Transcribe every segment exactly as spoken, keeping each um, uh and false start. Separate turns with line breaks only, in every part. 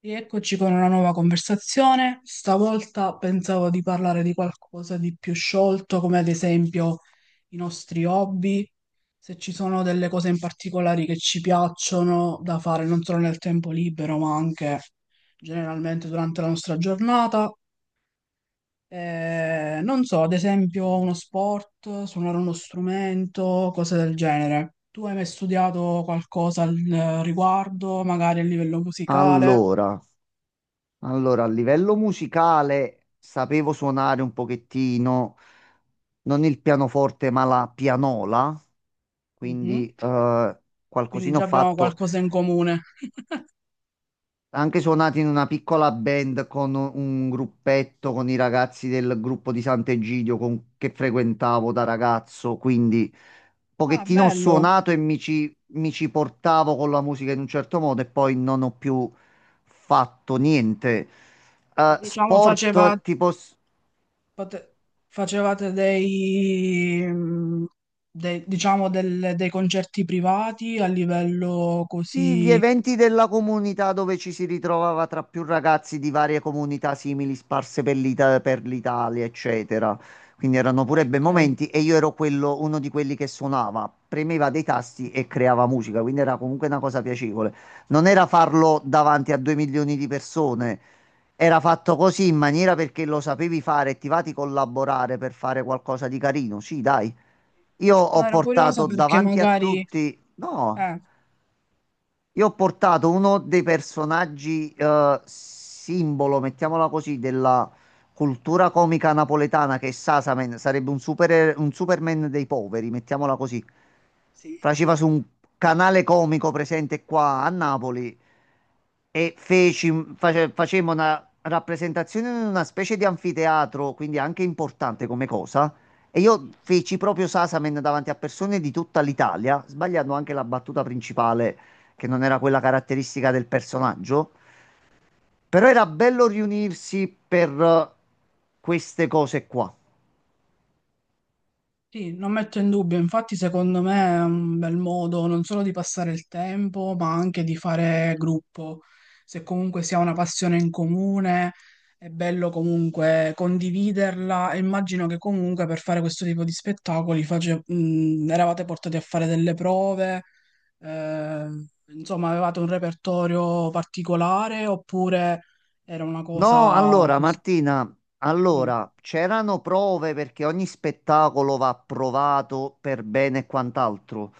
Rieccoci con una nuova conversazione. Stavolta pensavo di parlare di qualcosa di più sciolto, come ad esempio i nostri hobby, se ci sono delle cose in particolare che ci piacciono da fare non solo nel tempo libero, ma anche generalmente durante la nostra giornata. Eh, non so, ad esempio uno sport, suonare uno strumento, cose del genere. Tu hai mai studiato qualcosa al riguardo, magari a livello musicale?
Allora, allora, a livello musicale sapevo suonare un pochettino, non il pianoforte, ma la pianola,
Mhm.
quindi eh,
Quindi
qualcosina ho
già abbiamo
fatto.
qualcosa in comune.
Ha anche suonato in una piccola band con un gruppetto con i ragazzi del gruppo di Sant'Egidio con- che frequentavo da ragazzo, quindi un
Ah,
pochettino ho
bello.
suonato e mi ci, mi ci portavo con la musica in un certo modo e poi non ho più fatto niente.
Ma
Eh,
Diciamo faceva-
sport tipo
pote- facevate dei, mm, dei- diciamo del- dei concerti privati a livello
sì, gli
così.
eventi della comunità dove ci si ritrovava tra più ragazzi di varie comunità simili sparse per l'Ita- per l'Italia, eccetera. Quindi erano
Ok,
pure bei
ok.
momenti e io ero quello, uno di quelli che suonava, premeva dei tasti e creava musica, quindi era comunque una cosa piacevole. Non era farlo davanti a due milioni di persone, era fatto così in maniera perché lo sapevi fare e ti va di collaborare per fare qualcosa di carino. Sì, dai. Io ho
No, ero curiosa
portato
perché
davanti a
magari.
tutti, no.
Eh,
Io ho portato uno dei personaggi eh, simbolo, mettiamola così, della cultura comica napoletana che è Sasamen, sarebbe un, super- un Superman dei poveri, mettiamola così.
sì.
Faceva su un canale comico presente qua a Napoli e feci, face- facemmo una rappresentazione in una specie di anfiteatro, quindi anche importante come cosa. E io feci proprio Sasamen davanti a persone di tutta l'Italia, sbagliando anche la battuta principale che non era quella caratteristica del personaggio, però era bello riunirsi per eh, queste cose qua.
Sì, non metto in dubbio, infatti secondo me è un bel modo non solo di passare il tempo, ma anche di fare gruppo. Se comunque si ha una passione in comune, è bello comunque condividerla e immagino che comunque per fare questo tipo di spettacoli face- mh, eravate portati a fare delle prove, eh, insomma avevate un repertorio particolare oppure era una cosa
No, allora
così?
Martina,
Mm,
allora c'erano prove perché ogni spettacolo va provato per bene e quant'altro.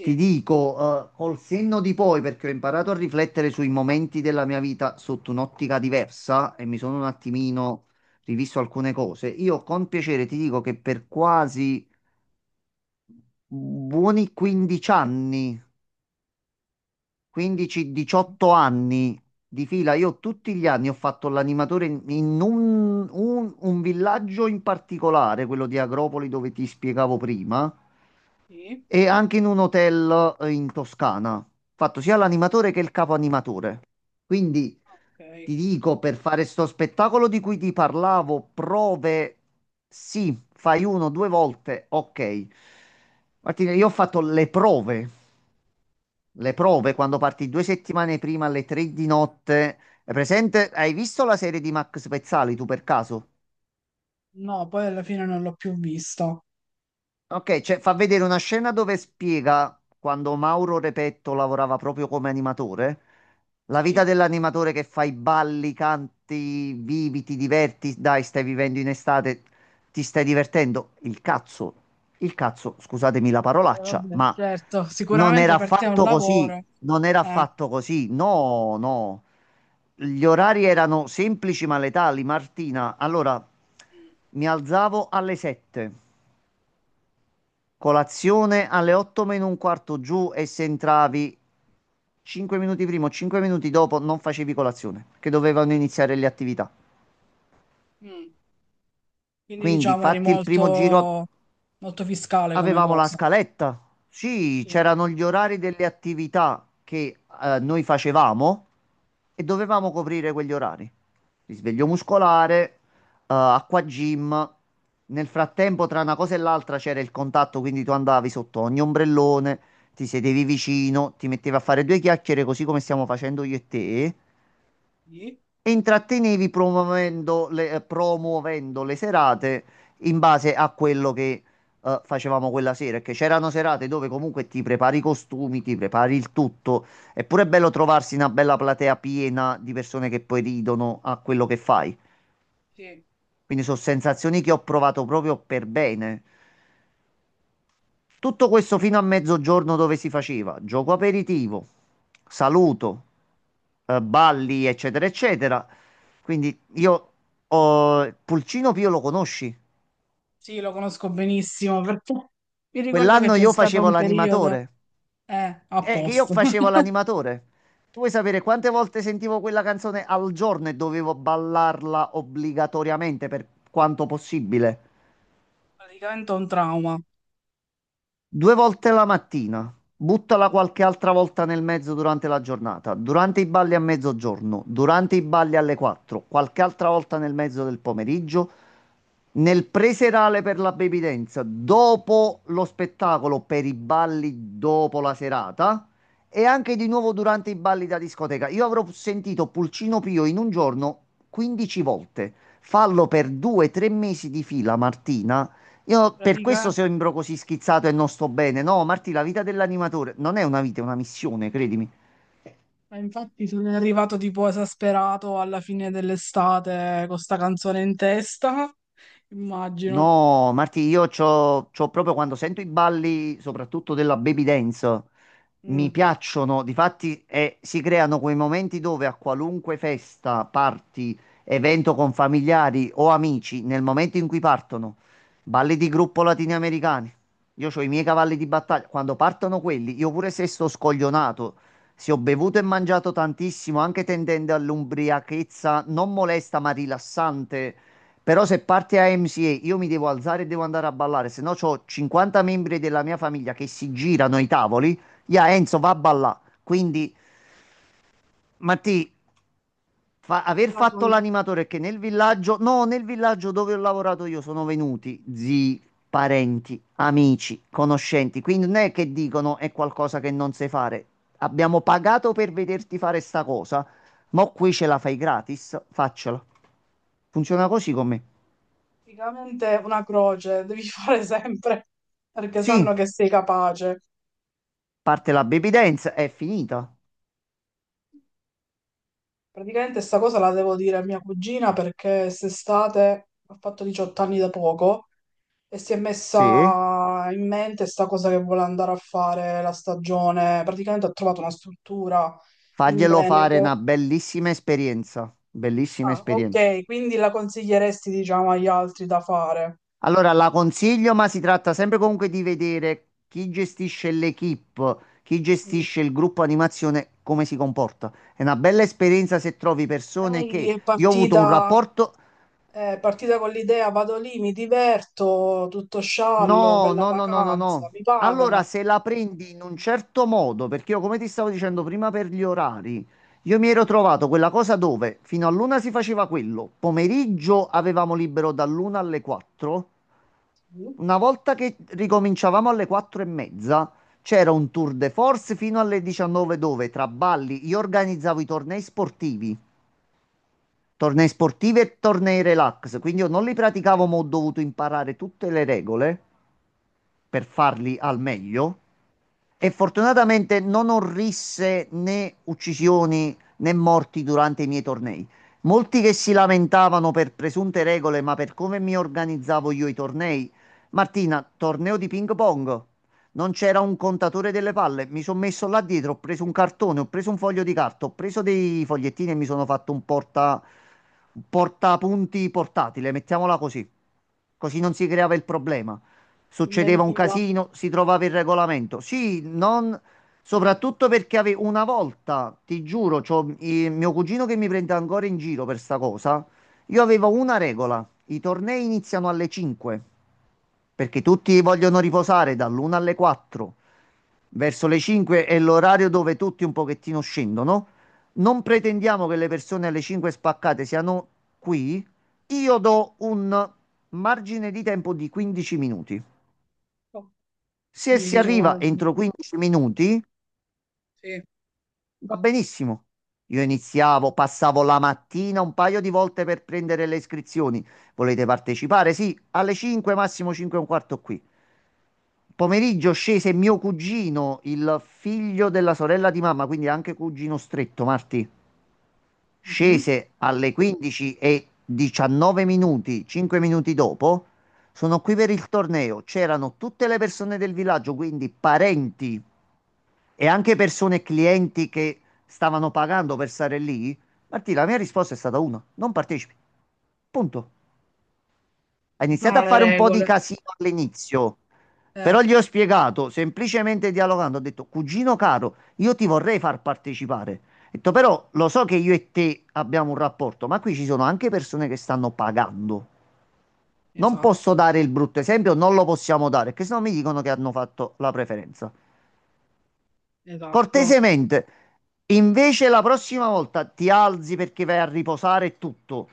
Ti dico, eh, col senno di poi, perché ho imparato a riflettere sui momenti della mia vita sotto un'ottica diversa e mi sono un attimino rivisto alcune cose. Io con piacere ti dico che per quasi buoni quindici anni, quindici diciotto anni di fila. Io tutti gli anni ho fatto l'animatore in in un, un- un villaggio in particolare, quello di Agropoli dove ti spiegavo prima,
sì,
e anche in un hotel eh, in Toscana. Ho fatto sia l'animatore che il capo animatore. Quindi
ok.
ti dico, per fare sto spettacolo di cui ti parlavo, prove, sì, fai uno, due volte, ok. Martina, io ho fatto le prove. Le prove quando parti due settimane prima alle tre di notte. È presente? Hai visto la serie di Max Pezzali tu per caso?
No, poi alla fine non l'ho più visto.
Ok, cioè fa vedere una scena dove spiega quando Mauro Repetto lavorava proprio come animatore, la
Sì.
vita
Eh,
dell'animatore che fa i balli, canti, vivi, ti diverti, dai, stai vivendo in estate, ti stai divertendo. Il cazzo, il cazzo, scusatemi la parolaccia,
vabbè,
ma
certo,
non era
sicuramente per te è un
affatto così,
lavoro.
non era
Eh.
affatto così, no, no. Gli orari erano semplici ma letali, Martina. Allora,
Mm.
mi alzavo alle sette. Colazione alle otto meno un quarto giù e se entravi cinque minuti prima o cinque minuti dopo non facevi colazione, che dovevano iniziare le attività.
Mm. Quindi
Quindi
diciamo eri
fatti il primo giro.
molto, molto fiscale come
Avevamo la
cosa.
scaletta, sì,
Sì.
c'erano gli orari delle attività che eh, noi facevamo e dovevamo coprire quegli orari. Risveglio muscolare, eh, acqua gym. Nel frattempo, tra una cosa e l'altra c'era il contatto, quindi tu andavi sotto ogni ombrellone, ti sedevi vicino, ti mettevi a fare due chiacchiere, così come stiamo facendo io e te
Sì.
e intrattenevi promuovendo le, eh, promuovendo le serate in base a quello che eh, facevamo quella sera. Perché c'erano serate dove comunque ti prepari i costumi, ti prepari il tutto. È pure bello trovarsi una bella platea piena di persone che poi ridono a quello che fai.
Sì.
Quindi sono sensazioni che ho provato proprio per bene. Tutto questo fino a mezzogiorno dove si faceva gioco aperitivo, saluto, eh, balli, eccetera, eccetera. Quindi io ho Pulcino Pio lo conosci?
Sì, lo conosco benissimo perché mi ricordo che
Quell'anno
c'è
io
stato
facevo
un periodo.
l'animatore.
Eh, a
Eh, che io
posto.
facevo l'animatore. Tu vuoi sapere quante volte sentivo quella canzone al giorno e dovevo ballarla obbligatoriamente per quanto possibile?
Praticamente un trauma.
Due volte la mattina, buttala qualche altra volta nel mezzo durante la giornata, durante i balli a mezzogiorno, durante i balli alle quattro, qualche altra volta nel mezzo del pomeriggio, nel preserale per la baby dance, dopo lo spettacolo per i balli dopo la serata e anche di nuovo durante i balli da discoteca. Io avrò sentito Pulcino Pio in un giorno quindici volte. Fallo per due, tre mesi di fila, Martina. Io per
Pratica-
questo sembro così schizzato e non sto bene. No, Marti, la vita dell'animatore non è una vita, è una missione, credimi.
Ma infatti sono arrivato tipo esasperato alla fine dell'estate con sta canzone in testa, immagino.
No, Marti, io c'ho, c'ho proprio quando sento i balli, soprattutto della baby dance. Mi
Mm.
piacciono, difatti eh, si creano quei momenti dove a qualunque festa, party, evento con familiari o amici, nel momento in cui partono, balli di gruppo latinoamericani, io ho i miei cavalli di battaglia, quando partono quelli, io pure se sto scoglionato, se ho bevuto e mangiato tantissimo, anche tendendo all'ubriachezza non molesta ma rilassante, però se parte a M C A io mi devo alzare e devo andare a ballare, se no ho cinquanta membri della mia famiglia che si girano ai tavoli Ya Enzo va a ballà. Quindi, Matti, fa- aver
Una,
fatto l'animatore è che nel villaggio, no, nel villaggio dove ho lavorato io sono venuti zii, parenti, amici, conoscenti. Quindi non è che dicono è qualcosa che non sai fare. Abbiamo pagato per vederti fare sta cosa, ma qui ce la fai gratis, faccela. Funziona così con me.
praticamente una croce, devi fare sempre perché
Sì,
sanno che sei capace.
parte la baby dance, è finita.
Praticamente sta cosa la devo dire a mia cugina perché quest'estate ha fatto diciotto anni da poco e si è
Sì,
messa in mente sta cosa che vuole andare a fare la stagione. Praticamente ha trovato una struttura in
faglielo fare
Veneto.
una bellissima esperienza, bellissima
Ah,
esperienza.
ok, quindi la consiglieresti, diciamo, agli altri da fare.
Allora, la consiglio, ma si tratta sempre comunque di vedere chi gestisce l'equipe, chi
Mm.
gestisce il gruppo animazione, come si comporta. È una bella esperienza se trovi persone
Lei
che...
è
Io ho avuto un
partita,
rapporto...
è partita con l'idea, vado lì, mi diverto, tutto sciallo,
No,
bella
no, no, no, no,
vacanza,
no.
mi
Allora,
pagano.
se la prendi in un certo modo, perché io, come ti stavo dicendo prima per gli orari, io mi ero trovato quella cosa dove fino all'una si faceva quello, pomeriggio avevamo libero dall'una alle quattro.
Mm.
Una volta che ricominciavamo alle quattro e mezza, c'era un tour de force fino alle diciannove dove tra balli io organizzavo i tornei sportivi, tornei sportivi e tornei relax, quindi io non li praticavo ma ho dovuto imparare tutte le regole per farli al meglio. E fortunatamente non orrisse né uccisioni né morti durante i miei tornei. Molti che si lamentavano per presunte regole, ma per come mi organizzavo io i tornei. Martina, torneo di ping pong. Non c'era un contatore delle palle. Mi sono messo là dietro, ho preso un cartone, ho preso un foglio di carta, ho preso dei fogliettini e mi sono fatto un porta, un portapunti portatile, mettiamola così. Così non si creava il problema, succedeva un
Inventiva.
casino, si trovava il regolamento. Sì, non... soprattutto perché ave- una volta, ti giuro, c'ho eh, mio cugino che mi prende ancora in giro per sta cosa. Io avevo una regola, i tornei iniziano alle cinque, perché tutti vogliono riposare dall'una alle quattro. Verso le cinque è l'orario dove tutti un pochettino scendono. Non pretendiamo che le persone alle cinque spaccate siano qui. Io do un margine di tempo di quindici minuti.
Oh,
Se
quindi
si
diciamo,
arriva entro quindici minuti,
sì,
va benissimo. Io iniziavo, passavo la mattina un paio di volte per prendere le iscrizioni. Volete partecipare? Sì, alle cinque, massimo cinque e un quarto qui. Pomeriggio scese mio cugino, il figlio della sorella di mamma, quindi anche cugino stretto, Marti.
mhm.
Scese alle quindici e diciannove minuti, cinque minuti dopo. Sono qui per il torneo. C'erano tutte le persone del villaggio, quindi parenti e anche persone e clienti che stavano pagando per stare lì, Martì, la mia risposta è stata una, non partecipi. Punto. Ha
Ci
iniziato
sono
a
le
fare un po' di
regole.
casino all'inizio,
Eh,
però gli ho spiegato, semplicemente dialogando, ho detto, cugino caro, io ti vorrei far partecipare. Ho detto, però lo so che io e te abbiamo un rapporto, ma qui ci sono anche persone che stanno pagando. Non posso
esatto,
dare il brutto esempio, non lo possiamo dare, perché sennò mi dicono che hanno fatto la preferenza.
esatto.
Cortesemente, invece la prossima volta ti alzi perché vai a riposare e tutto.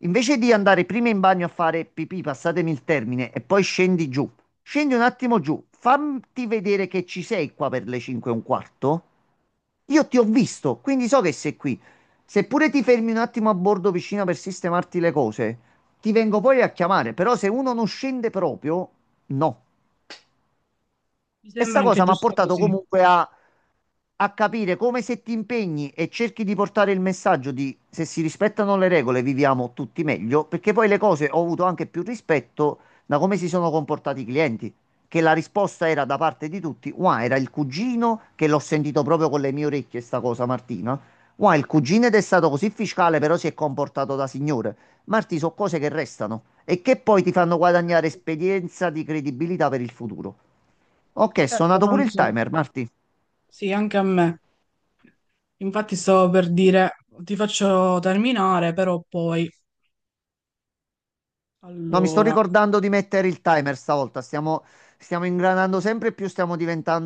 Invece di andare prima in bagno a fare pipì, passatemi il termine, e poi scendi giù. Scendi un attimo giù, fammi vedere che ci sei qua per le cinque e un quarto. Io ti ho visto, quindi so che sei qui. Seppure ti fermi un attimo a bordo vicino per sistemarti le cose, ti vengo poi a chiamare. Però se uno non scende proprio, no.
Mi
E
sembra
sta
anche
cosa mi ha
giusto
portato
così.
comunque a a capire come se ti impegni e cerchi di portare il messaggio di se si rispettano le regole viviamo tutti meglio, perché poi le cose ho avuto anche più rispetto da come si sono comportati i clienti, che la risposta era da parte di tutti, wow, era il cugino che l'ho sentito proprio con le mie orecchie sta cosa Martina, wow, il cugino ed è stato così fiscale però si è comportato da signore. Marti, sono cose che restano e che poi ti fanno guadagnare
Certo,
esperienza di credibilità per il futuro. Ok, è
certo,
suonato pure
non
il
so.
timer, Marti.
Sì, anche a me. Infatti stavo per dire, ti faccio terminare, però poi.
No, mi sto
Allora,
ricordando di mettere il timer stavolta. Stiamo, stiamo ingranando sempre più, stiamo diventando